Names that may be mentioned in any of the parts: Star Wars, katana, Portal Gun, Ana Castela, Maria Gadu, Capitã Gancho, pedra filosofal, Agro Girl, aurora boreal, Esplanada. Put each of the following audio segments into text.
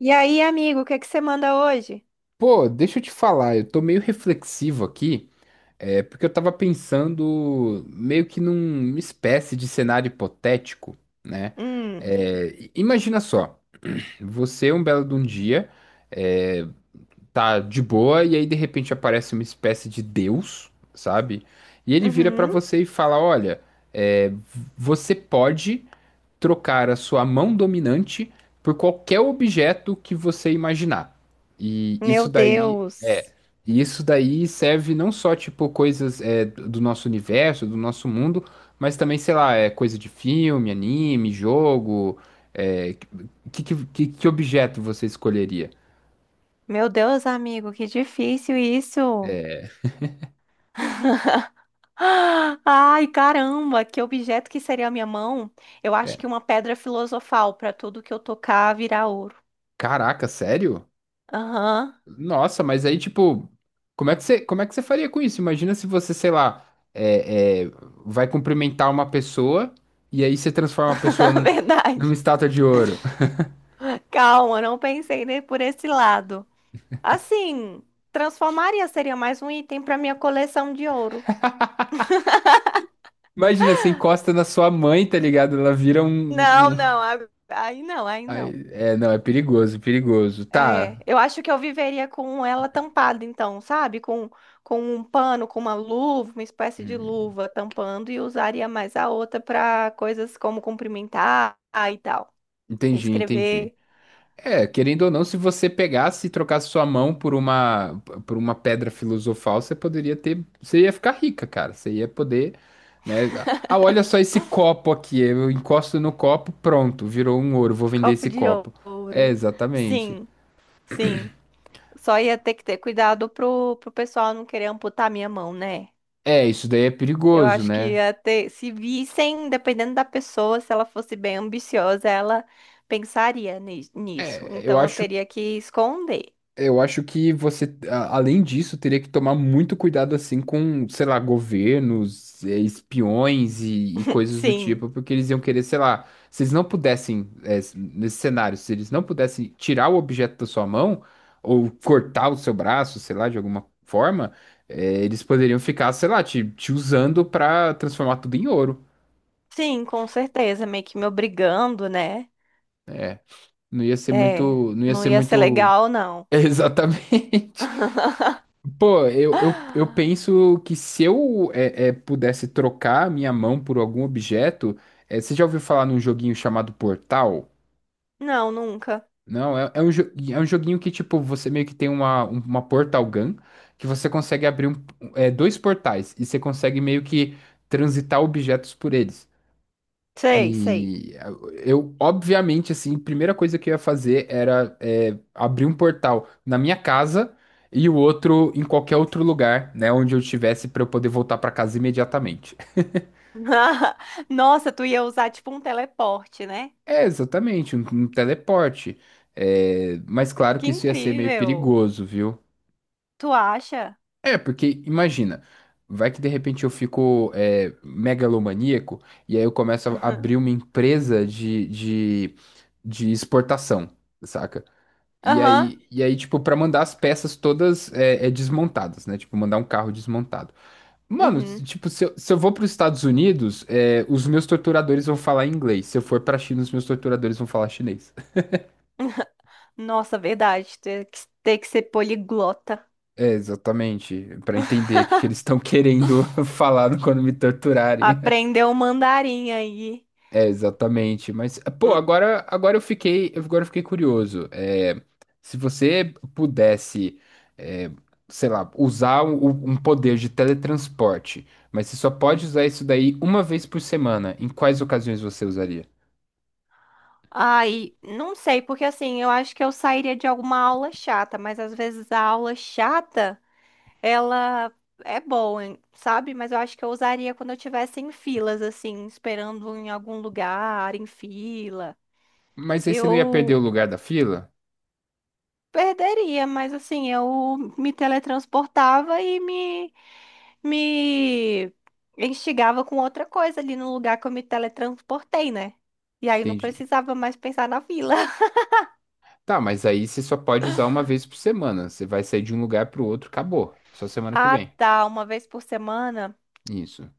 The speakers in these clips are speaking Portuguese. E aí, amigo, o que que você manda hoje? Pô, deixa eu te falar, eu tô meio reflexivo aqui, é porque eu tava pensando meio que numa espécie de cenário hipotético. Hum, Imagina só, você um belo de um dia é, tá de boa e aí de repente aparece uma espécie de Deus, sabe? E ele vira pra uhum. você e fala, olha, é, v- você pode trocar a sua mão dominante por qualquer objeto que você imaginar. E isso Meu daí Deus. é, e isso daí serve não só tipo coisas do nosso universo, do nosso mundo, mas também, sei lá, é coisa de filme, anime, jogo, é, que objeto você escolheria? Meu Deus, amigo, que difícil isso. Ai, caramba, que objeto que seria a minha mão? Eu É, acho que uma pedra filosofal para tudo que eu tocar virar ouro. caraca, sério? Aham, Nossa, mas aí, tipo, como é que você faria com isso? Imagina se você, sei lá, é, é, vai cumprimentar uma pessoa e aí você transforma a pessoa verdade. numa estátua de ouro. Calma, não pensei nem por esse lado. Assim, transformaria seria mais um item para minha coleção de ouro. Imagina, você encosta na sua mãe, tá ligado? Ela vira Não, um. não, aí não, aí Ai, não. é, não, é perigoso, perigoso. É, Tá, eu acho que eu viveria com ela tampada, então, sabe? Com um pano, com uma luva, uma espécie de luva tampando, e usaria mais a outra para coisas como cumprimentar e tal. entendi, entendi. Escrever É, querendo ou não, se você pegasse e trocasse sua mão por uma pedra filosofal, você poderia ter, você ia ficar rica, cara. Você ia poder, né? Ah, olha só esse copo aqui. Eu encosto no copo, pronto, virou um ouro. Vou vender copo esse de copo. É, ouro. exatamente. Sim, sim. Só ia ter que ter cuidado pro pessoal não querer amputar minha mão, né? É, isso daí é Eu perigoso, acho que né? ia ter, se vissem, dependendo da pessoa, se ela fosse bem ambiciosa, ela pensaria nisso. É, eu Então eu acho teria que esconder. Eu acho que além disso, teria que tomar muito cuidado assim com, sei lá, governos, espiões e coisas do Sim, tipo, porque eles iam querer, sei lá, se eles não pudessem, nesse cenário, se eles não pudessem tirar o objeto da sua mão ou cortar o seu braço, sei lá, de alguma forma, eles poderiam ficar, sei lá, te usando pra transformar tudo em ouro. sim, com certeza. Meio que me obrigando, né? É, É, não ia não ser ia ser muito, legal, não. exatamente. Pô, eu Ah, penso que se eu pudesse trocar a minha mão por algum objeto, é, você já ouviu falar num joguinho chamado Portal? não, nunca. Não, é um, é um joguinho que, tipo, você meio que tem uma, uma Portal Gun, que você consegue abrir dois portais, e você consegue meio que transitar objetos por eles. Sei, sei. E eu, obviamente, assim, a primeira coisa que eu ia fazer era abrir um portal na minha casa e o outro em qualquer outro lugar, né, onde eu estivesse para eu poder voltar para casa imediatamente. Nossa, tu ia usar tipo um teleporte, né? É, exatamente, um teleporte. É, mas claro Que que isso ia ser meio incrível. perigoso, viu? Tu acha? É, porque imagina, vai que de repente eu fico megalomaníaco e aí eu começo a Aham. abrir uma empresa de exportação, saca? Aham. E aí, tipo, pra mandar as peças todas desmontadas, né? Tipo, mandar um carro desmontado. Mano, Uhum. Tipo, se eu vou pros Estados Unidos, é, os meus torturadores vão falar inglês. Se eu for pra China, os meus torturadores vão falar chinês. Nossa, verdade. Ter que ser poliglota. É, exatamente. Pra entender que eles estão querendo falar quando me torturarem. Aprender o mandarim aí. É, exatamente. Mas, pô, Hum. Agora eu fiquei curioso. É, se você pudesse, é, sei lá, usar um, um poder de teletransporte, mas você só pode usar isso daí uma vez por semana, em quais ocasiões você usaria? Ai, não sei, porque assim, eu acho que eu sairia de alguma aula chata, mas às vezes a aula chata. Ela é boa, hein, sabe? Mas eu acho que eu usaria quando eu estivesse em filas, assim, esperando em algum lugar, em fila. Mas aí você não ia perder o Eu lugar da fila? perderia, mas assim, eu me teletransportava e me instigava com outra coisa ali no lugar que eu me teletransportei, né? E aí não Entendi. precisava mais pensar na fila. Tá, mas aí você só pode usar uma vez por semana. Você vai sair de um lugar pro outro, acabou. Só semana que Ah, vem. tá. Uma vez por semana. Isso.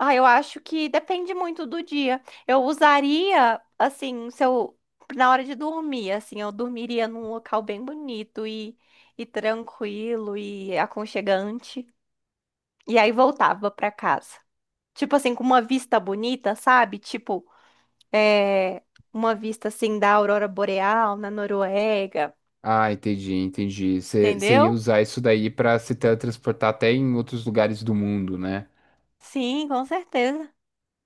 Ah, eu acho que depende muito do dia. Eu usaria, assim, se eu, na hora de dormir, assim, eu dormiria num local bem bonito e tranquilo e aconchegante. E aí voltava pra casa. Tipo assim, com uma vista bonita, sabe? Tipo, é, uma vista assim da aurora boreal na Noruega, Ah, entendi, entendi. Você ia entendeu? usar isso daí pra se teletransportar até em outros lugares do mundo, né? Sim, com certeza.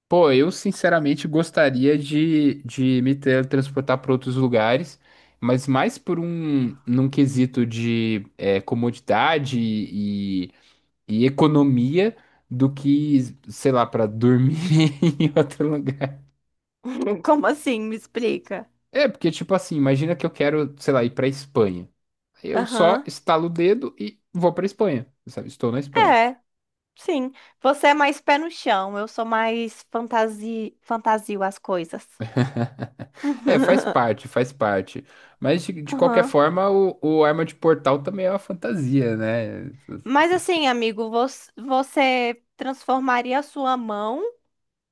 Pô, eu sinceramente gostaria de me teletransportar para outros lugares, mas mais por um num quesito de comodidade e economia do que, sei lá, para dormir em outro lugar. Como assim? Me explica. É, porque tipo assim, imagina que eu quero, sei lá, ir para Espanha. Eu só Aham. estalo o dedo e vou para Espanha, sabe? Estou na Espanha. É. Sim, você é mais pé no chão, eu sou mais fantasi... fantasio as coisas. É, faz parte, faz parte. Mas de qualquer Aham. forma, o arma de portal também é uma fantasia, né? Mas Essas assim, coisas. amigo, você, você transformaria a sua mão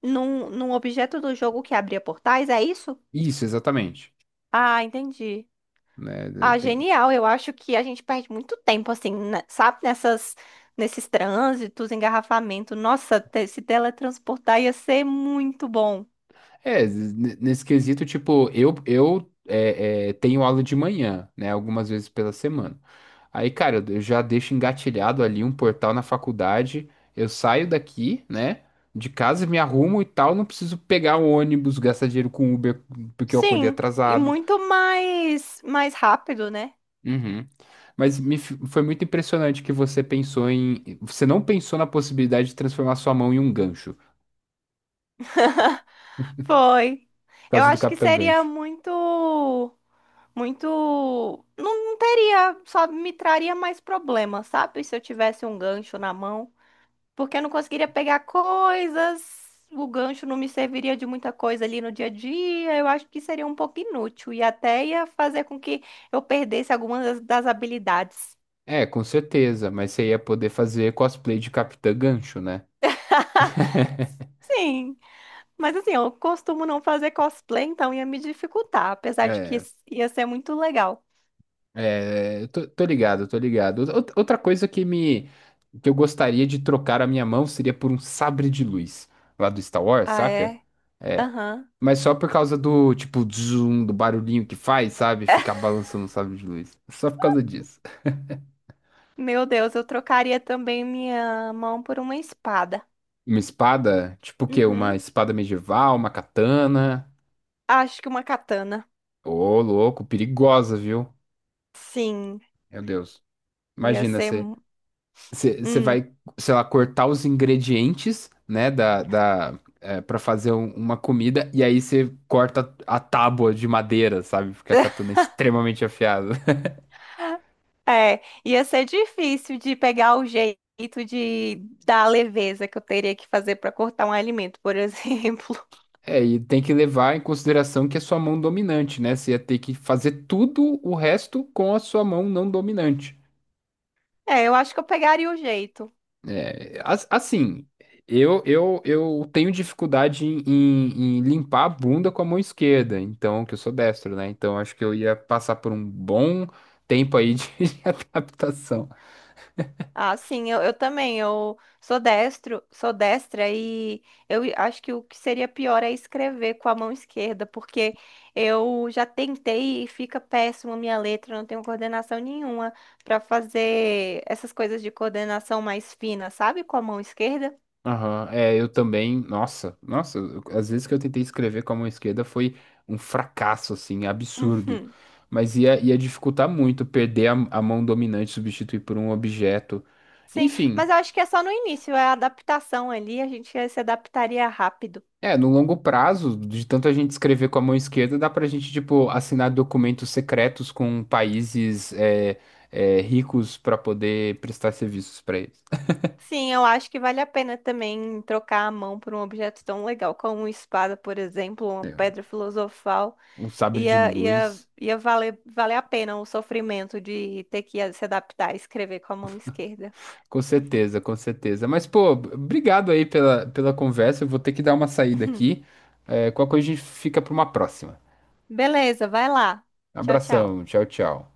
num, num objeto do jogo que abria portais, é isso? Isso, exatamente. Ah, entendi. Né? Ah, Tem... genial. Eu acho que a gente perde muito tempo, assim, né, sabe? Nessas, nesses trânsitos, engarrafamento. Nossa, se teletransportar ia ser muito bom. É, nesse quesito, tipo, eu tenho aula de manhã, né? Algumas vezes pela semana. Aí, cara, eu já deixo engatilhado ali um portal na faculdade. Eu saio daqui, né? De casa, me arrumo e tal. Não preciso pegar o ônibus, gastar dinheiro com Uber porque eu acordei Sim, e atrasado. muito mais, mais rápido, né? Uhum. Mas foi muito impressionante que você pensou em. Você não pensou na possibilidade de transformar sua mão em um gancho, por Foi. Eu causa do acho que Capitão seria Gancho. muito, muito, não, não teria, só me traria mais problemas, sabe? Se eu tivesse um gancho na mão, porque eu não conseguiria pegar coisas, o gancho não me serviria de muita coisa ali no dia a dia. Eu acho que seria um pouco inútil e até ia fazer com que eu perdesse algumas das habilidades. É, com certeza, mas você ia poder fazer cosplay de Capitã Gancho, né? Sim, mas assim, eu costumo não fazer cosplay, então ia me dificultar, apesar de que É, ia ser muito legal. Eu tô, tô ligado, tô ligado. Outra coisa que eu gostaria de trocar a minha mão seria por um sabre de luz lá do Star Wars, Ah, saca? é? É, Aham. mas só por causa do, tipo, zoom, do barulhinho que faz, sabe? Ficar balançando o sabre de luz. Só por causa disso. Meu Deus, eu trocaria também minha mão por uma espada. Uma espada? Tipo o quê? Uma Uhum. espada medieval, uma katana? Acho que uma katana. Ô, louco, perigosa, viu? Sim, Meu Deus. ia Imagina, ser. Você Hum. vai, sei lá, cortar os ingredientes, né, pra fazer uma comida, e aí você corta a tábua de madeira, sabe? Porque a katana é extremamente afiada. É, ia ser difícil de pegar o jeito de dar a leveza que eu teria que fazer para cortar um alimento, por exemplo. É, e tem que levar em consideração que é sua mão dominante, né? Você ia ter que fazer tudo o resto com a sua mão não dominante. É, eu acho que eu pegaria o jeito. Assim, eu tenho dificuldade em, em limpar a bunda com a mão esquerda, então, que eu sou destro, né? Então, acho que eu ia passar por um bom tempo aí de adaptação. Ah, sim, eu também. Eu sou destro, sou destra e eu acho que o que seria pior é escrever com a mão esquerda, porque eu já tentei e fica péssimo a minha letra, eu não tenho coordenação nenhuma para fazer essas coisas de coordenação mais fina, sabe? Com a mão esquerda. Aham, é, eu também. Nossa, nossa, às vezes que eu tentei escrever com a mão esquerda foi um fracasso, assim, absurdo. Uhum. Mas ia, ia dificultar muito perder a mão dominante, substituir por um objeto. Sim, Enfim, mas eu acho que é só no início, é a adaptação ali, a gente se adaptaria rápido. é, no longo prazo, de tanto a gente escrever com a mão esquerda, dá pra gente, tipo, assinar documentos secretos com países ricos pra poder prestar serviços pra eles. Sim, eu acho que vale a pena também trocar a mão por um objeto tão legal como uma espada, por exemplo, uma É, pedra filosofal. um sabre de luz. Ia valer, valer a pena o sofrimento de ter que se adaptar a escrever com a mão esquerda. Com certeza, com certeza. Mas, pô, obrigado aí pela, pela conversa. Eu vou ter que dar uma saída aqui. É, qualquer coisa a gente fica para uma próxima. Beleza, vai lá. Tchau, tchau. Abração, tchau, tchau.